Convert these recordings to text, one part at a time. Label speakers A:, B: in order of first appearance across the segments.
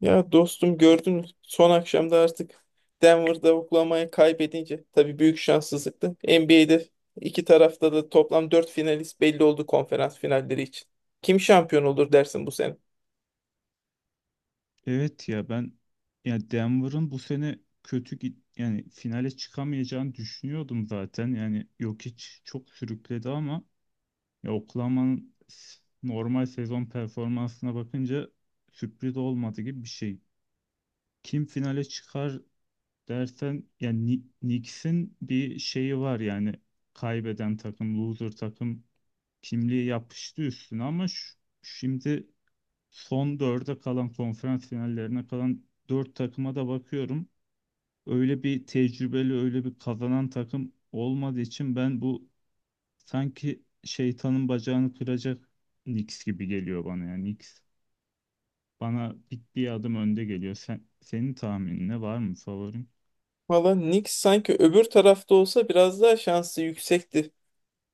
A: Ya dostum, gördün mü? Son akşamda artık Denver'da Oklahoma'yı kaybedince tabii büyük şanssızlıktı. NBA'de iki tarafta da toplam 4 finalist belli oldu, konferans finalleri için. Kim şampiyon olur dersin bu sene?
B: Evet ya ben ya Denver'ın bu sene kötü yani finale çıkamayacağını düşünüyordum zaten. Yani Jokic çok sürükledi ama ya Oklahoma'nın normal sezon performansına bakınca sürpriz olmadı gibi bir şey. Kim finale çıkar dersen yani Knicks'in bir şeyi var yani kaybeden takım, loser takım kimliği yapıştı üstüne ama şimdi son dörde kalan, konferans finallerine kalan dört takıma da bakıyorum. Öyle bir tecrübeli, öyle bir kazanan takım olmadığı için ben bu sanki şeytanın bacağını kıracak Knicks gibi geliyor bana, yani Knicks. Bana bir adım önde geliyor. Senin tahminin ne, var mı favorin?
A: Valla Knicks sanki öbür tarafta olsa biraz daha şansı yüksekti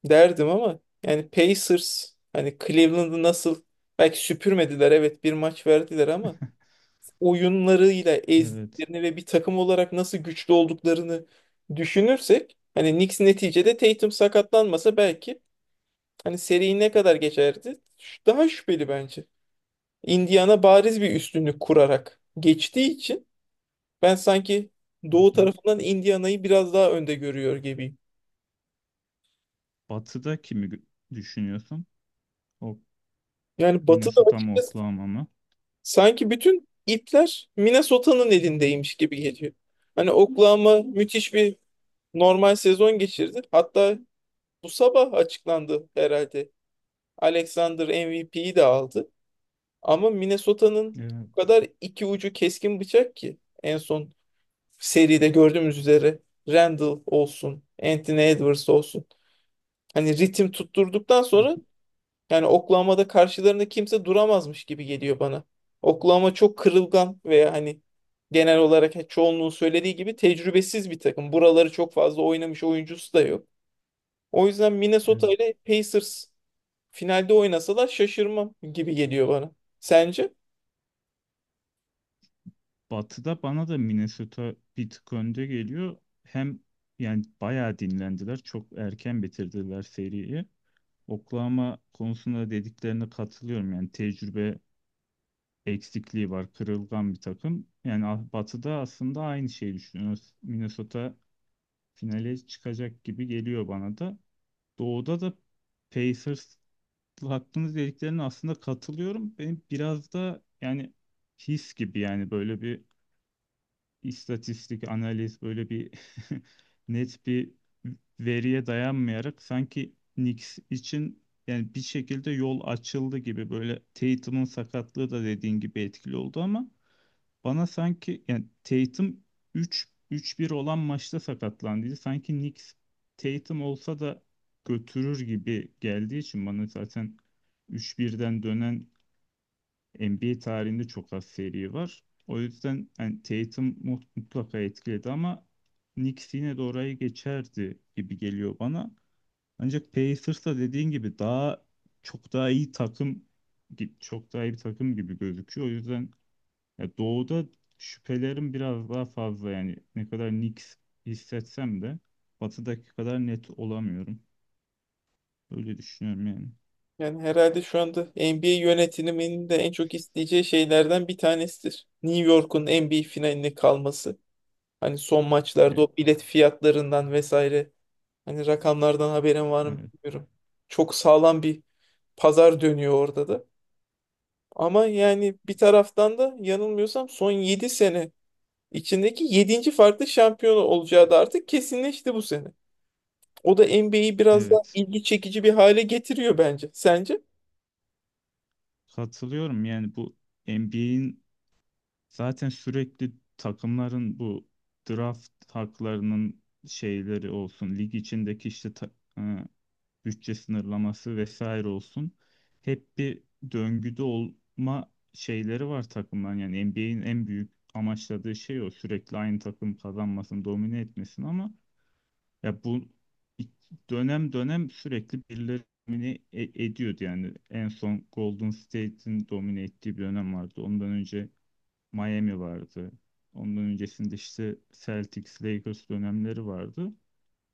A: derdim, ama yani Pacers hani Cleveland'ı nasıl, belki süpürmediler, evet, bir maç verdiler ama oyunlarıyla
B: Evet.
A: ezdiklerini ve bir takım olarak nasıl güçlü olduklarını düşünürsek, hani Knicks neticede Tatum sakatlanmasa belki hani seri ne kadar geçerdi? Daha şüpheli bence. Indiana bariz bir üstünlük kurarak geçtiği için ben sanki
B: Hı
A: Doğu
B: hı.
A: tarafından Indiana'yı biraz daha önde görüyor gibiyim.
B: Batı'da kimi düşünüyorsun? O,
A: Yani Batı'da
B: Minnesota mı
A: açıkçası,
B: Oklahoma mı?
A: sanki bütün ipler Minnesota'nın elindeymiş gibi geliyor. Hani Oklahoma müthiş bir normal sezon geçirdi. Hatta bu sabah açıklandı herhalde. Alexander MVP'yi de aldı. Ama Minnesota'nın
B: Evet.
A: bu kadar iki ucu keskin bıçak ki, en son seride gördüğümüz üzere Randall olsun, Anthony Edwards olsun, hani ritim tutturduktan
B: Hı
A: sonra,
B: hı.
A: yani Oklahoma'da karşılarında kimse duramazmış gibi geliyor bana. Oklahoma çok kırılgan, veya hani genel olarak çoğunluğun söylediği gibi tecrübesiz bir takım. Buraları çok fazla oynamış oyuncusu da yok. O yüzden Minnesota
B: Evet.
A: ile Pacers finalde oynasalar şaşırmam gibi geliyor bana. Sence?
B: Batı'da bana da Minnesota bir tık önde geliyor. Hem yani bayağı dinlendiler. Çok erken bitirdiler seriyi. Oklahoma konusunda dediklerine katılıyorum. Yani tecrübe eksikliği var. Kırılgan bir takım. Yani Batı'da aslında aynı şeyi düşünüyoruz. Minnesota finale çıkacak gibi geliyor bana da. Doğu'da da Pacers hakkınız dediklerine aslında katılıyorum. Benim biraz da yani his gibi, yani böyle bir istatistik, analiz böyle bir net bir veriye dayanmayarak, sanki Knicks için yani bir şekilde yol açıldı gibi; böyle Tatum'un sakatlığı da dediğin gibi etkili oldu ama bana sanki, yani Tatum 3 3-1 olan maçta sakatlandıydı. Sanki Knicks Tatum olsa da götürür gibi geldiği için bana, zaten 3-1'den dönen NBA tarihinde çok az seri var. O yüzden yani mutlaka etkiledi ama Knicks yine de orayı geçerdi gibi geliyor bana. Ancak Pacers da dediğin gibi daha çok daha iyi takım gi- çok daha iyi bir takım gibi gözüküyor. O yüzden ya doğuda şüphelerim biraz daha fazla, yani ne kadar Knicks hissetsem de batıdaki kadar net olamıyorum. Öyle düşünüyorum yani.
A: Yani herhalde şu anda NBA yönetiminin de en çok isteyeceği şeylerden bir tanesidir New York'un NBA finaline kalması. Hani son maçlarda
B: E,
A: o bilet fiyatlarından vesaire, hani rakamlardan haberin var mı
B: evet,
A: bilmiyorum. Çok sağlam bir pazar dönüyor orada da. Ama yani bir taraftan da, yanılmıyorsam, son 7 sene içindeki yedinci farklı şampiyon olacağı da artık kesinleşti bu sene. O da NBA'yi biraz daha
B: evet.
A: ilgi çekici bir hale getiriyor bence. Sence?
B: Katılıyorum yani, bu NBA'in. Zaten sürekli takımların bu draft haklarının şeyleri olsun, lig içindeki işte e, bütçe sınırlaması vesaire olsun. Hep bir döngüde olma şeyleri var takımların. Yani NBA'in en büyük amaçladığı şey o. Sürekli aynı takım kazanmasın, domine etmesin. Ama ya bu, dönem dönem sürekli birileri ediyordu yani. En son Golden State'in domine ettiği bir dönem vardı. Ondan önce Miami vardı. Ondan öncesinde işte Celtics, Lakers dönemleri vardı.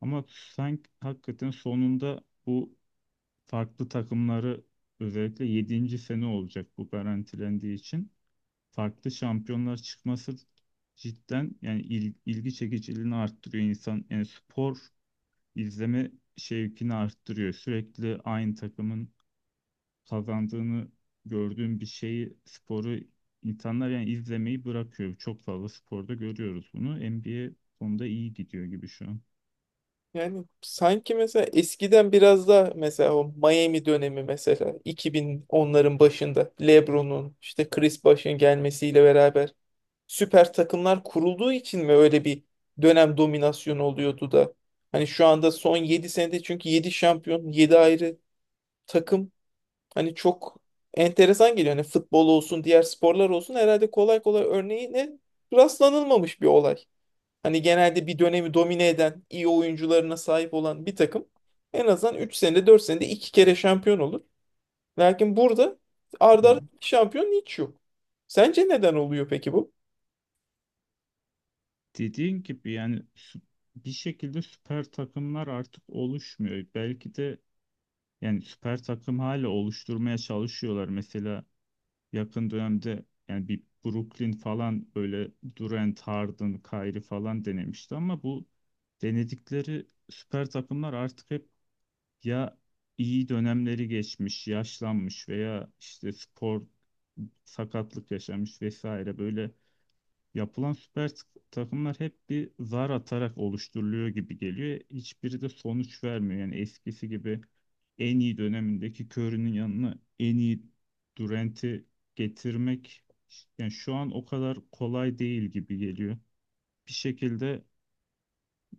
B: Ama sanki hakikaten sonunda bu farklı takımları, özellikle 7. sene olacak, bu garantilendiği için farklı şampiyonlar çıkması cidden yani ilgi çekiciliğini arttırıyor. İnsan yani spor izleme şevkini arttırıyor. Sürekli aynı takımın kazandığını gördüğüm bir şeyi, sporu, insanlar yani izlemeyi bırakıyor. Çok fazla sporda görüyoruz bunu. NBA konuda iyi gidiyor gibi şu an.
A: Yani sanki mesela eskiden biraz daha, mesela o Miami dönemi, mesela 2010'ların başında LeBron'un, işte Chris Bosh'un gelmesiyle beraber süper takımlar kurulduğu için mi öyle bir dönem dominasyonu oluyordu da? Hani şu anda son 7 senede, çünkü 7 şampiyon, 7 ayrı takım, hani çok enteresan geliyor. Hani futbol olsun, diğer sporlar olsun, herhalde kolay kolay örneğine rastlanılmamış bir olay. Hani genelde bir dönemi domine eden, iyi oyuncularına sahip olan bir takım en azından 3 senede, 4 senede 2 kere şampiyon olur. Lakin burada arda
B: Evet.
A: arda iki şampiyon hiç yok. Sence neden oluyor peki bu?
B: Dediğin gibi yani bir şekilde süper takımlar artık oluşmuyor. Belki de yani süper takım hala oluşturmaya çalışıyorlar. Mesela yakın dönemde yani bir Brooklyn falan, böyle Durant, Harden, Kyrie falan denemişti ama bu denedikleri süper takımlar artık hep ya iyi dönemleri geçmiş, yaşlanmış veya işte spor sakatlık yaşamış vesaire, böyle yapılan takımlar hep bir zar atarak oluşturuluyor gibi geliyor. Hiçbiri de sonuç vermiyor. Yani eskisi gibi en iyi dönemindeki Curry'nin yanına en iyi Durant'i getirmek yani, şu an o kadar kolay değil gibi geliyor. Bir şekilde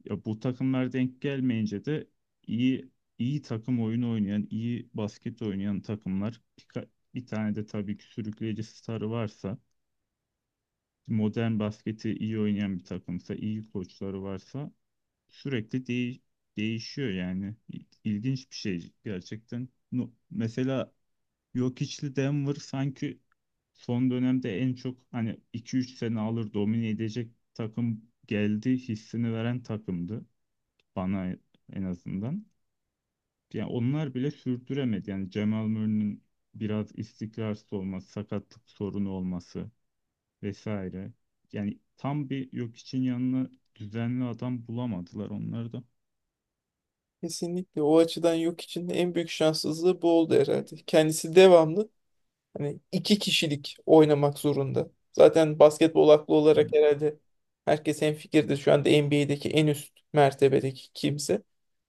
B: ya bu takımlar denk gelmeyince de iyi iyi takım oyunu oynayan, iyi basket oynayan takımlar, bir tane de tabii ki sürükleyici starı varsa, modern basketi iyi oynayan bir takımsa, iyi koçları varsa sürekli değişiyor yani. İlginç bir şey gerçekten. Mesela Jokic'li Denver sanki son dönemde en çok, hani 2-3 sene alır domine edecek takım geldi hissini veren takımdı bana, en azından. Yani onlar bile sürdüremedi. Yani Jamal Murray'nin biraz istikrarsız olması, sakatlık sorunu olması vesaire. Yani tam bir yok için yanına düzenli adam bulamadılar onları da.
A: Kesinlikle o açıdan Yok için en büyük şanssızlığı bu oldu herhalde. Kendisi devamlı hani iki kişilik oynamak zorunda. Zaten basketbol aklı olarak
B: Evet,
A: herhalde herkes hemfikirdir, şu anda NBA'deki en üst mertebedeki kimse.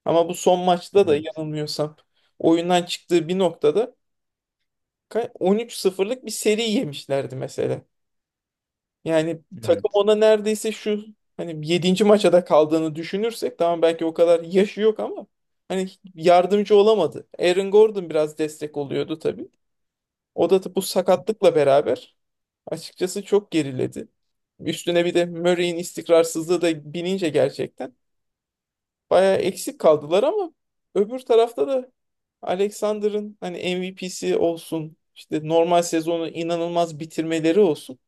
A: Ama bu son maçta da
B: evet.
A: yanılmıyorsam, oyundan çıktığı bir noktada 13 sıfırlık bir seri yemişlerdi mesela. Yani takım
B: Evet.
A: ona neredeyse, şu hani yedinci maça da kaldığını düşünürsek, tamam belki o kadar yaşı yok, ama hani yardımcı olamadı. Aaron Gordon biraz destek oluyordu tabii. O da bu sakatlıkla beraber açıkçası çok geriledi. Üstüne bir de Murray'in istikrarsızlığı da binince gerçekten bayağı eksik kaldılar, ama öbür tarafta da Alexander'ın hani MVP'si olsun, işte normal sezonu inanılmaz bitirmeleri olsun.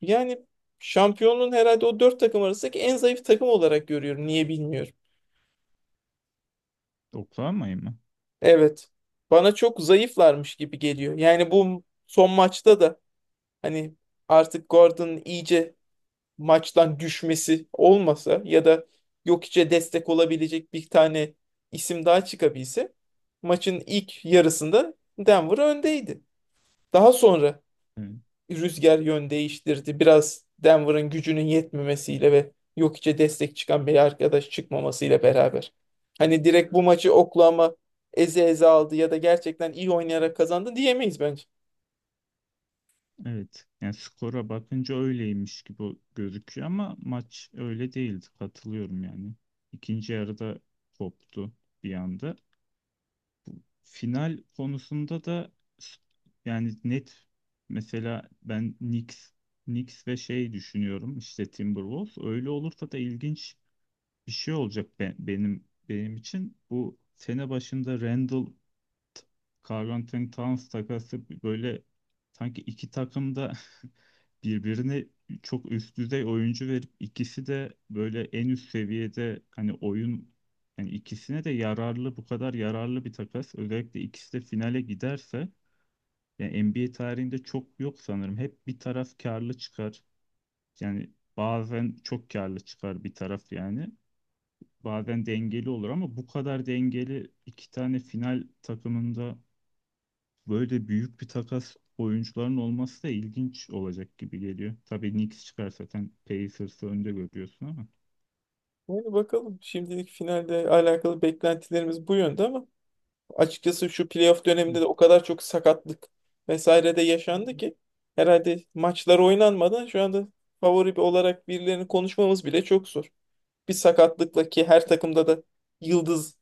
A: Yani şampiyonluğun, herhalde o dört takım arasındaki en zayıf takım olarak görüyorum. Niye bilmiyorum.
B: Oklahoma'yı mı?
A: Evet. Bana çok zayıflarmış gibi geliyor. Yani bu son maçta da, hani artık Gordon iyice maçtan düşmesi olmasa, ya da Jokic'e destek olabilecek bir tane isim daha çıkabilse, maçın ilk yarısında Denver öndeydi. Daha sonra
B: Evet,
A: rüzgar yön değiştirdi. Biraz Denver'ın gücünün yetmemesiyle ve Jokic'e destek çıkan bir arkadaş çıkmamasıyla beraber, hani direkt bu maçı Oklahoma eze eze aldı ya da gerçekten iyi oynayarak kazandı diyemeyiz bence.
B: evet. Yani skora bakınca öyleymiş gibi gözüküyor ama maç öyle değildi. Katılıyorum yani. İkinci yarıda koptu bir anda. Final konusunda da s- yani net, mesela ben Knicks ve şey düşünüyorum, işte Timberwolves. Öyle olursa da ilginç bir şey olacak. Benim için bu sene başında Randall T- Karl-Anthony Towns takası, böyle sanki iki takım da birbirine çok üst düzey oyuncu verip ikisi de böyle en üst seviyede, hani oyun, yani ikisine de yararlı, bu kadar yararlı bir takas. Özellikle ikisi de finale giderse yani NBA tarihinde çok yok sanırım. Hep bir taraf karlı çıkar. Yani bazen çok karlı çıkar bir taraf yani. Bazen dengeli olur ama bu kadar dengeli iki tane final takımında böyle büyük bir takas, oyuncuların olması da ilginç olacak gibi geliyor. Tabii Knicks çıkar, zaten Pacers'ı önde görüyorsun ama.
A: Yani bakalım, şimdilik finalde alakalı beklentilerimiz bu yönde, ama açıkçası şu playoff
B: Hı.
A: döneminde de o kadar çok sakatlık vesaire de yaşandı ki, herhalde maçlar oynanmadan şu anda favori olarak birilerini konuşmamız bile çok zor. Bir sakatlıkla ki, her takımda da yıldız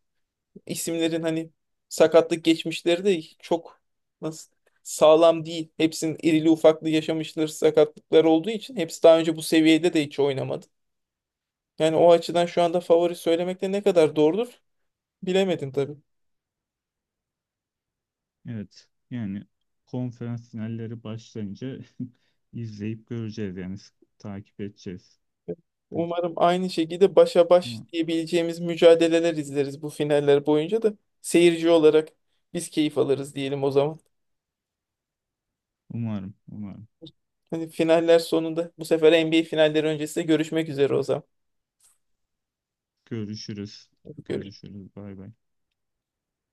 A: isimlerin hani sakatlık geçmişleri de çok, nasıl, sağlam değil. Hepsinin irili ufaklı yaşamışları sakatlıklar olduğu için, hepsi daha önce bu seviyede de hiç oynamadı. Yani o açıdan şu anda favori söylemek de ne kadar doğrudur, bilemedim tabii.
B: Evet yani konferans finalleri başlayınca izleyip göreceğiz yani, takip edeceğiz. Güz-
A: Umarım aynı şekilde başa baş
B: ama
A: diyebileceğimiz mücadeleler izleriz bu finaller boyunca da, seyirci olarak biz keyif alırız diyelim o zaman.
B: umarım, umarım.
A: Hani finaller sonunda, bu sefer NBA finalleri öncesinde görüşmek üzere o zaman.
B: Görüşürüz.
A: Görüşürüz.
B: Görüşürüz. Bay bay.